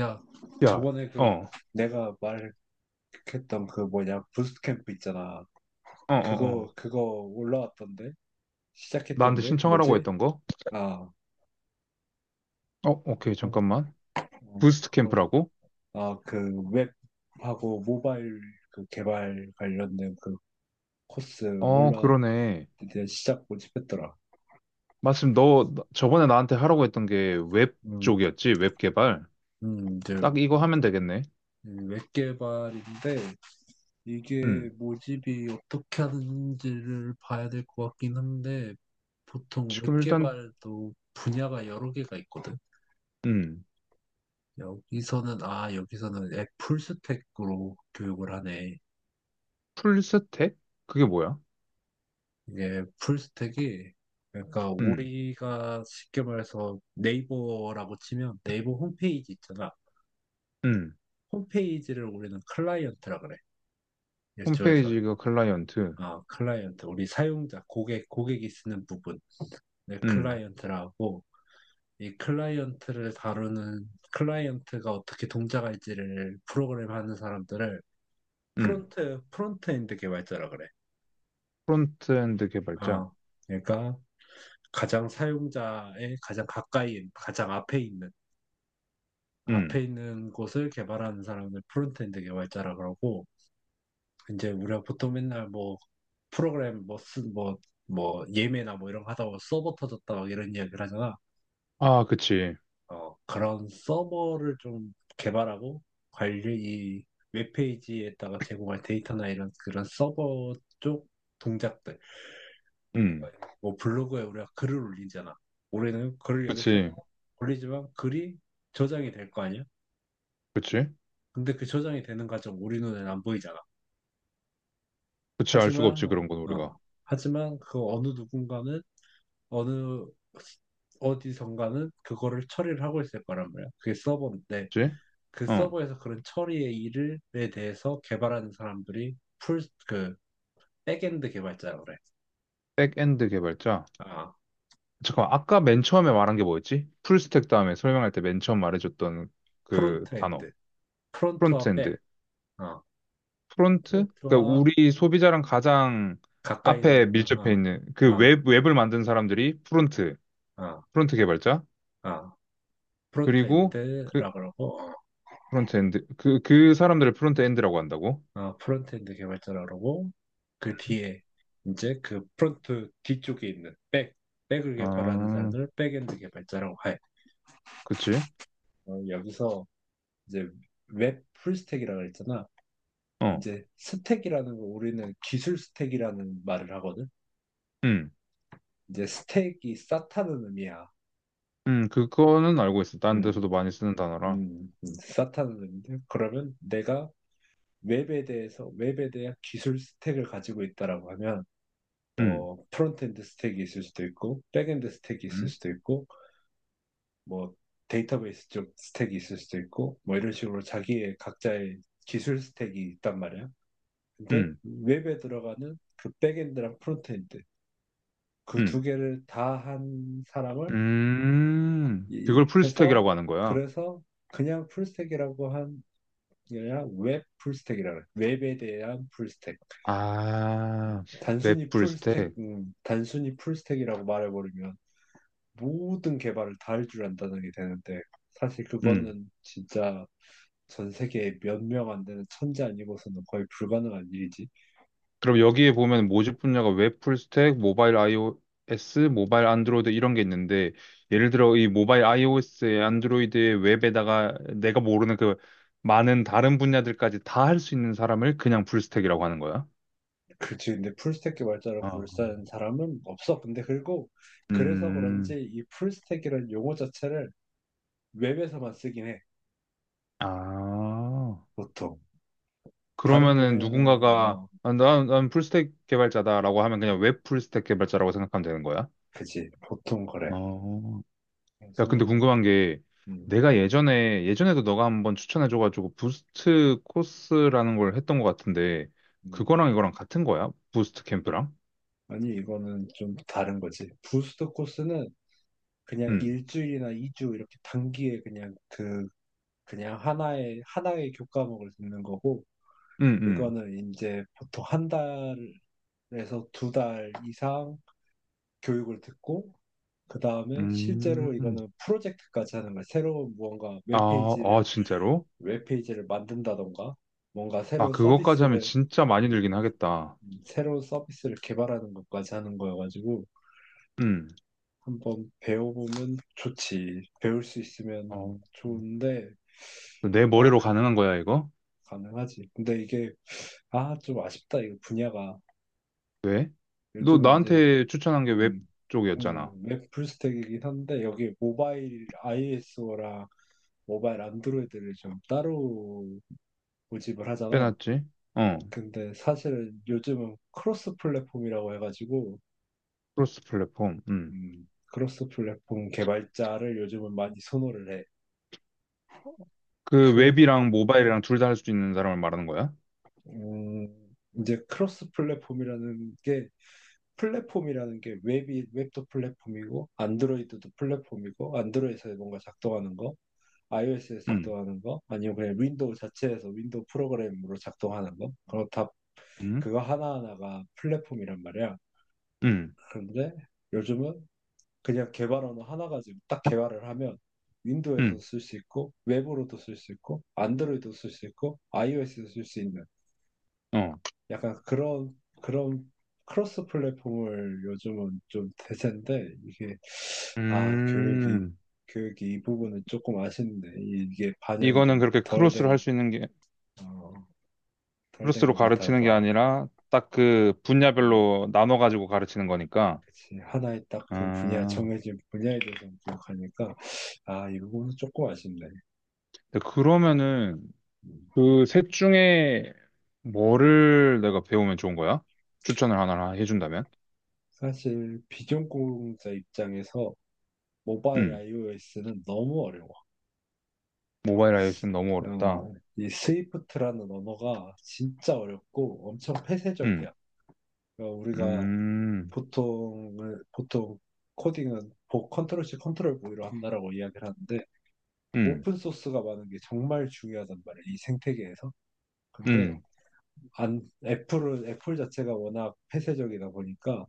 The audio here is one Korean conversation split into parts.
야, 야, 저번에 어, 그 어, 내가 말했던 그 뭐냐 부스캠프 트 있잖아. 어, 그거 어. 올라왔던데 나한테 시작했던데 신청하라고 뭐지? 했던 거? 아, 어, 오케이, 그- 잠깐만. 부스트 그거 캠프라고? 아 그 웹하고 모바일 그 개발 관련된 그 코스 어, 올라 그러네. 이제 시작 모집했더라. 마침 저번에 나한테 하라고 했던 게 웹 음, 쪽이었지? 웹 개발? 이제 딱 이거 하면 되겠네. 웹 개발인데 이게 음. 모집이 어떻게 하는지를 봐야 될 것 같긴 한데, 보통 웹 지금 일단, 개발도 분야가 여러 개가 있거든. 음. 여기서는, 아, 여기서는 앱 풀스택으로 교육을 하네. 풀스택? 그게 뭐야? 이게 풀스택이, 그러니까 음, 우리가 쉽게 말해서 네이버라고 치면 네이버 홈페이지 있잖아. 음. 홈페이지를 우리는 클라이언트라 그래. 일조에서. 홈페이지가 클라이언트. 아, 클라이언트. 우리 사용자, 고객, 고객이 쓰는 부분. 네, 음, 클라이언트라고. 이 클라이언트를 다루는 클라이언트가 어떻게 동작할지를 프로그램하는 사람들을 음. 프론트엔드 개발자라 그래. 프론트엔드 개발자. 어, 그러니까 가장 사용자의 가장 가까이 가장 앞에 있는 음. 앞에 있는 곳을 개발하는 사람을 프론트엔드 개발자라 그러고, 이제 우리가 보통 맨날 뭐 프로그램 뭐쓴뭐뭐 예매나 뭐 이런 거 하다 보면 서버 터졌다 막 이런 이야기를 하잖아. 아, 그치. 어, 그런 서버를 좀 개발하고 관리 이 웹페이지에다가 제공할 데이터나 이런 그런 서버 쪽 동작들. 음. 그러니까 뭐 블로그에 우리가 글을 올리잖아. 올해는 글을 여기 써서 그치. 올리지만 글이 저장이 될 거 아니야. 그치. 근데 그 저장이 되는 과정 우리 눈에는 안 보이잖아. 그치. 알 수가 없지, 하지만 그런 건 우리가. 어 하지만 그 어느 누군가는 어느 어디선가는 그거를 처리를 하고 있을 거란 말이야. 그게 서버인데 그치? 그 어. 서버에서 그런 처리의 일을 에 대해서 개발하는 사람들이 풀, 그, 백엔드 개발자라고 그래. 백엔드 개발자. 아, 잠깐만, 아까 맨 처음에 말한 게 뭐였지? 풀스택 다음에 설명할 때 맨 처음 말해줬던 그 단어. 프론트엔드. 프론트와 프론트엔드. 백. 어, 프론트? 그러니까 프론트와 우리 소비자랑 가장 가까이 앞에 있는 거. 밀접해 어, 있는 그 어, 웹, 웹을 만든 사람들이 프론트, 어, 프론트 개발자. 어. 그리고 그 프론트엔드라고 그러고, 어, 프론트엔드, 그, 그 사람들을 프론트엔드라고 한다고? 어, 프론트엔드 개발자라고 그러고, 그 뒤에 이제 그 프론트 뒤쪽에 있는 백, 백을 개발하는 아, 사람들을 백엔드 개발자라고 해. 그치? 어, 여기서 이제 웹 풀스택이라고 했잖아. 어, 이제 스택이라는 거 우리는 기술 스택이라는 말을 하거든. 음, 이제 스택이 쌓다는 의미야. 그거는 알고 있어. 다른 데서도 음, 많이 쓰는 단어라. 쌓다는 의미인데 그러면 내가 웹에 대한 기술 스택을 가지고 있다라고 하면 음, 뭐 프론트엔드 스택이 있을 수도 있고 백엔드 스택이 있을 음, 수도 있고 뭐 데이터베이스 쪽 스택이 있을 수도 있고 뭐 이런 식으로 자기의 각자의 기술 스택이 있단 말이야. 근데 음, 웹에 들어가는 그 백엔드랑 프론트엔드 그 두 음. 개를 다 한 사람을 이- 그걸 해서 풀스택이라고 하는 거야. 그래서 그냥 풀스택이라고 한 게 아니라 웹 풀스택이라고 해요. 웹에 대한 풀스택. 아, 웹 풀스택. 단순히 풀스택이라고 말해버리면 모든 개발을 다 할 줄 안다는 게 되는데 사실 음. 그거는 진짜 전 세계에 몇 명 안 되는 천재 아니고서는 거의 불가능한 일이지. 그럼 여기에 보면 모집 분야가 웹 풀스택, 모바일 iOS, 모바일 안드로이드 이런 게 있는데, 예를 들어 이 모바일 iOS에 안드로이드에 웹에다가 내가 모르는 그 많은 다른 분야들까지 다 할 수 있는 사람을 그냥 풀스택이라고 하는 거야. 그치, 근데 풀스택 개발자로 어. 불리는 사람은 없어. 근데 그리고 그래서 그런지 음, 이 풀스택이라는 용어 자체를 웹에서만 쓰긴 해, 아. 보통. 다른 그러면은 분야는, 누군가가 어, 아, 난 풀스택 개발자다라고 하면 그냥 웹 풀스택 개발자라고 생각하면 되는 거야? 그치, 보통 그래. 어, 야, 근데 그래서, 궁금한 게 음, 내가 예전에도 너가 한번 추천해줘가지고 부스트 코스라는 걸 했던 것 같은데 음. 그거랑 이거랑 같은 거야? 부스트 캠프랑? 아니, 이거는 좀 다른 거지. 부스트 코스는 그냥 응, 일주일이나 이주 이렇게 단기에 그냥 그, 그냥 하나의 교과목을 듣는 거고, 응, 응. 이거는 이제 보통 한 달에서 두 달 이상 교육을 듣고, 그 다음에 음, 실제로 이거는 프로젝트까지 하는 거야. 새로운 무언가 아, 웹페이지를, 아, 진짜로? 웹페이지를 만든다던가, 뭔가 아, 새로운 그거까지 하면 서비스를, 진짜 많이 늘긴 하겠다. 새로운 서비스를 개발하는 것까지 하는 거여가지고, 응. 한번 배워보면 좋지. 배울 수 있으면 어, 좋은데, 내 아, 머리로 근데 가능한 거야, 이거? 가능하지. 근데 이게, 아, 좀 아쉽다. 이거 분야가. 왜? 너 요즘은 이제, 나한테 추천한 게 웹 음, 쪽이었잖아. 웹 풀스택이긴 한데, 여기 모바일 iOS랑 모바일 안드로이드를 좀 따로 모집을 하잖아. 빼놨지? 어, 근데 사실은 요즘은 크로스 플랫폼이라고 해가지고 크로스 플랫폼. 음. 크로스 플랫폼 개발자를 요즘은 많이 선호를 해. 그 크, 웹이랑 모바일이랑 둘 다 할 수 있는 사람을 말하는 거야? 음, 이제 크로스 플랫폼이라는 게 플랫폼이라는 게 웹이 웹도 플랫폼이고 안드로이드도 플랫폼이고 안드로이드에서 뭔가 작동하는 거, iOS에서 음. 작동하는 거, 아니면 그냥 윈도우 자체에서 윈도우 프로그램으로 작동하는 거, 그거 다 음. 그거 하나하나가 플랫폼이란 말이야. 음. 그런데 요즘은 그냥 개발 언어 하나 가지고 딱 개발을 하면 윈도우에서도 음. 쓸 수 있고 웹으로도 쓸 수 있고 안드로이드도 쓸 수 있고 iOS도 쓸 수 있는 어. 약간 그런 크로스 플랫폼을 요즘은 좀 대세인데 이게 아 교육이 음. 교육이 이 부분은 조금 아쉽네. 이게 반영이 이거는 좀 그렇게 덜 크로스로 된 할 수 있는 게 어, 덜 된 크로스로 것 가르치는 게 같아서. 아니라 딱 그 음, 분야별로 나눠 가지고 가르치는 거니까. 그치 하나의 딱 그 분야 아. 정해진 분야에 대해서 기억하니까 아 이 부분은 조금 아쉽네. 근데 그러면은 음. 그 셋 중에 뭐를 내가 배우면 좋은 거야? 추천을 하나 해준다면? 사실 비전공자 입장에서 모바일 음. iOS는 너무 어려워. 모바일 iOS는 너무 어렵다. 어, 이 스위프트라는 언어가 진짜 어렵고 엄청 음, 폐쇄적이야. 어, 우리가 음, 보통 보통 코딩은 보 컨트롤 C 컨트롤 V로 한다라고 이야기를 하는데 음, 오픈 소스가 많은 게 정말 중요하단 말이야. 이 생태계에서. 근데 음, 안 애플은 애플 자체가 워낙 폐쇄적이다 보니까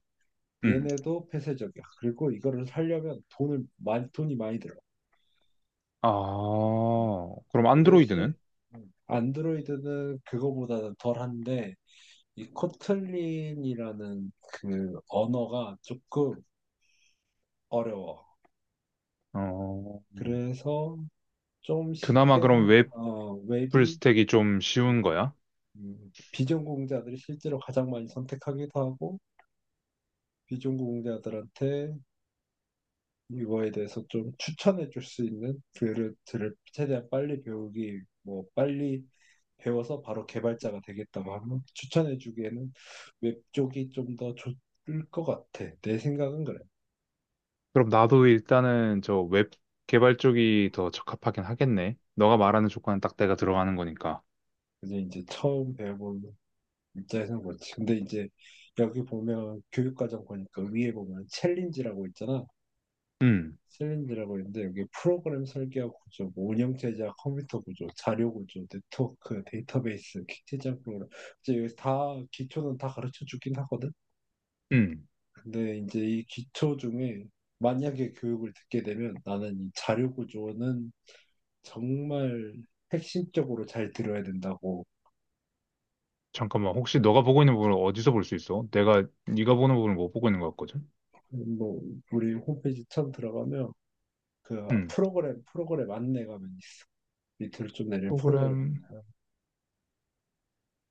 음. 얘네도 폐쇄적이야. 그리고 이거를 살려면 돈을 많이 돈이 많이 들어. 아, 그럼 그 대신 안드로이드는? 안드로이드는 그거보다는 덜한데 이 코틀린이라는 그 언어가 조금 어려워. 어, 그래서 그나마 그럼 웹 웹이 풀스택이 좀 쉬운 음, 거야? 비전공자들이 실제로 가장 많이 선택하기도 하고 비전공자들한테 이거에 대해서 좀 추천해 줄 수 있는 글을 들을 최대한 빨리 배우기 뭐 빨리 배워서 바로 개발자가 되겠다고 하면 추천해 주기에는 웹 쪽이 좀 더 좋을 것 같아. 내 생각은 그래. 그럼 나도 일단은 저 웹 개발 쪽이 더 적합하긴 하겠네. 너가 말하는 조건은 딱 내가 들어가는 거니까. 그래서 이제 처음 배워보는 입장에서는 그렇지. 근데 이제 여기 보면 교육과정 보니까 위에 보면 챌린지라고 있잖아. 음, 셀린드라고 했는데 여기 프로그램 설계와 구조, 뭐 운영 체제와 컴퓨터 구조, 자료 구조, 네트워크, 데이터베이스, 기체적 프로그램 이제 여기 다 기초는 다 가르쳐 주긴 하거든. 음. 근데 이제 이 기초 중에 만약에 교육을 듣게 되면 나는 이 자료 구조는 정말 핵심적으로 잘 들어야 된다고. 잠깐만, 혹시 너가 보고 있는 부분을 어디서 볼 수 있어? 내가 네가 보는 부분을 못 보고 있는 것 같거든? 뭐 우리 홈페이지 처음 들어가면 그 음. 프로그램 안내가 있어. 밑으로 좀 내리면 프로그램 프로그램, 안내.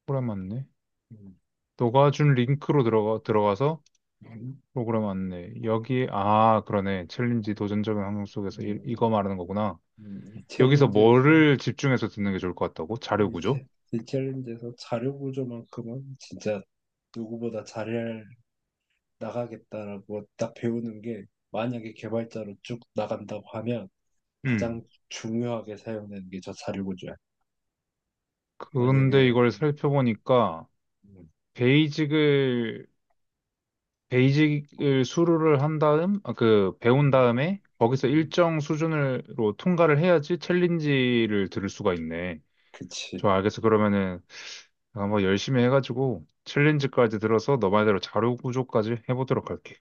프로그램 맞네. 음. 너가 준 링크로 들어가, 들어가서 음. 프로그램 안내. 여기, 아, 그러네. 챌린지 도전적인 환경 속에서 이, 음, 이거 말하는 거구나. 이 여기서 챌린지에서 뭐를 집중해서 듣는 게 좋을 것 같다고? 자료 구조? 이 챌린지에서 자료 구조만큼은 진짜 누구보다 잘 나가겠다라고 딱 배우는 게, 만약에 개발자로 쭉 나간다고 하면 가장 음. 중요하게 사용되는 게 저 자료 구조야. 근데 만약에 이걸 살펴보니까, 음, 베이직을, 베이직을 수료를 한 다음, 아, 그, 배운 음, 다음에, 거기서 음, 일정 수준으로 통과를 해야지 챌린지를 들을 수가 있네. 그치 좋아, 알겠어. 그러면은, 한번 열심히 해가지고, 챌린지까지 들어서 너 말대로 자료 구조까지 해보도록 할게.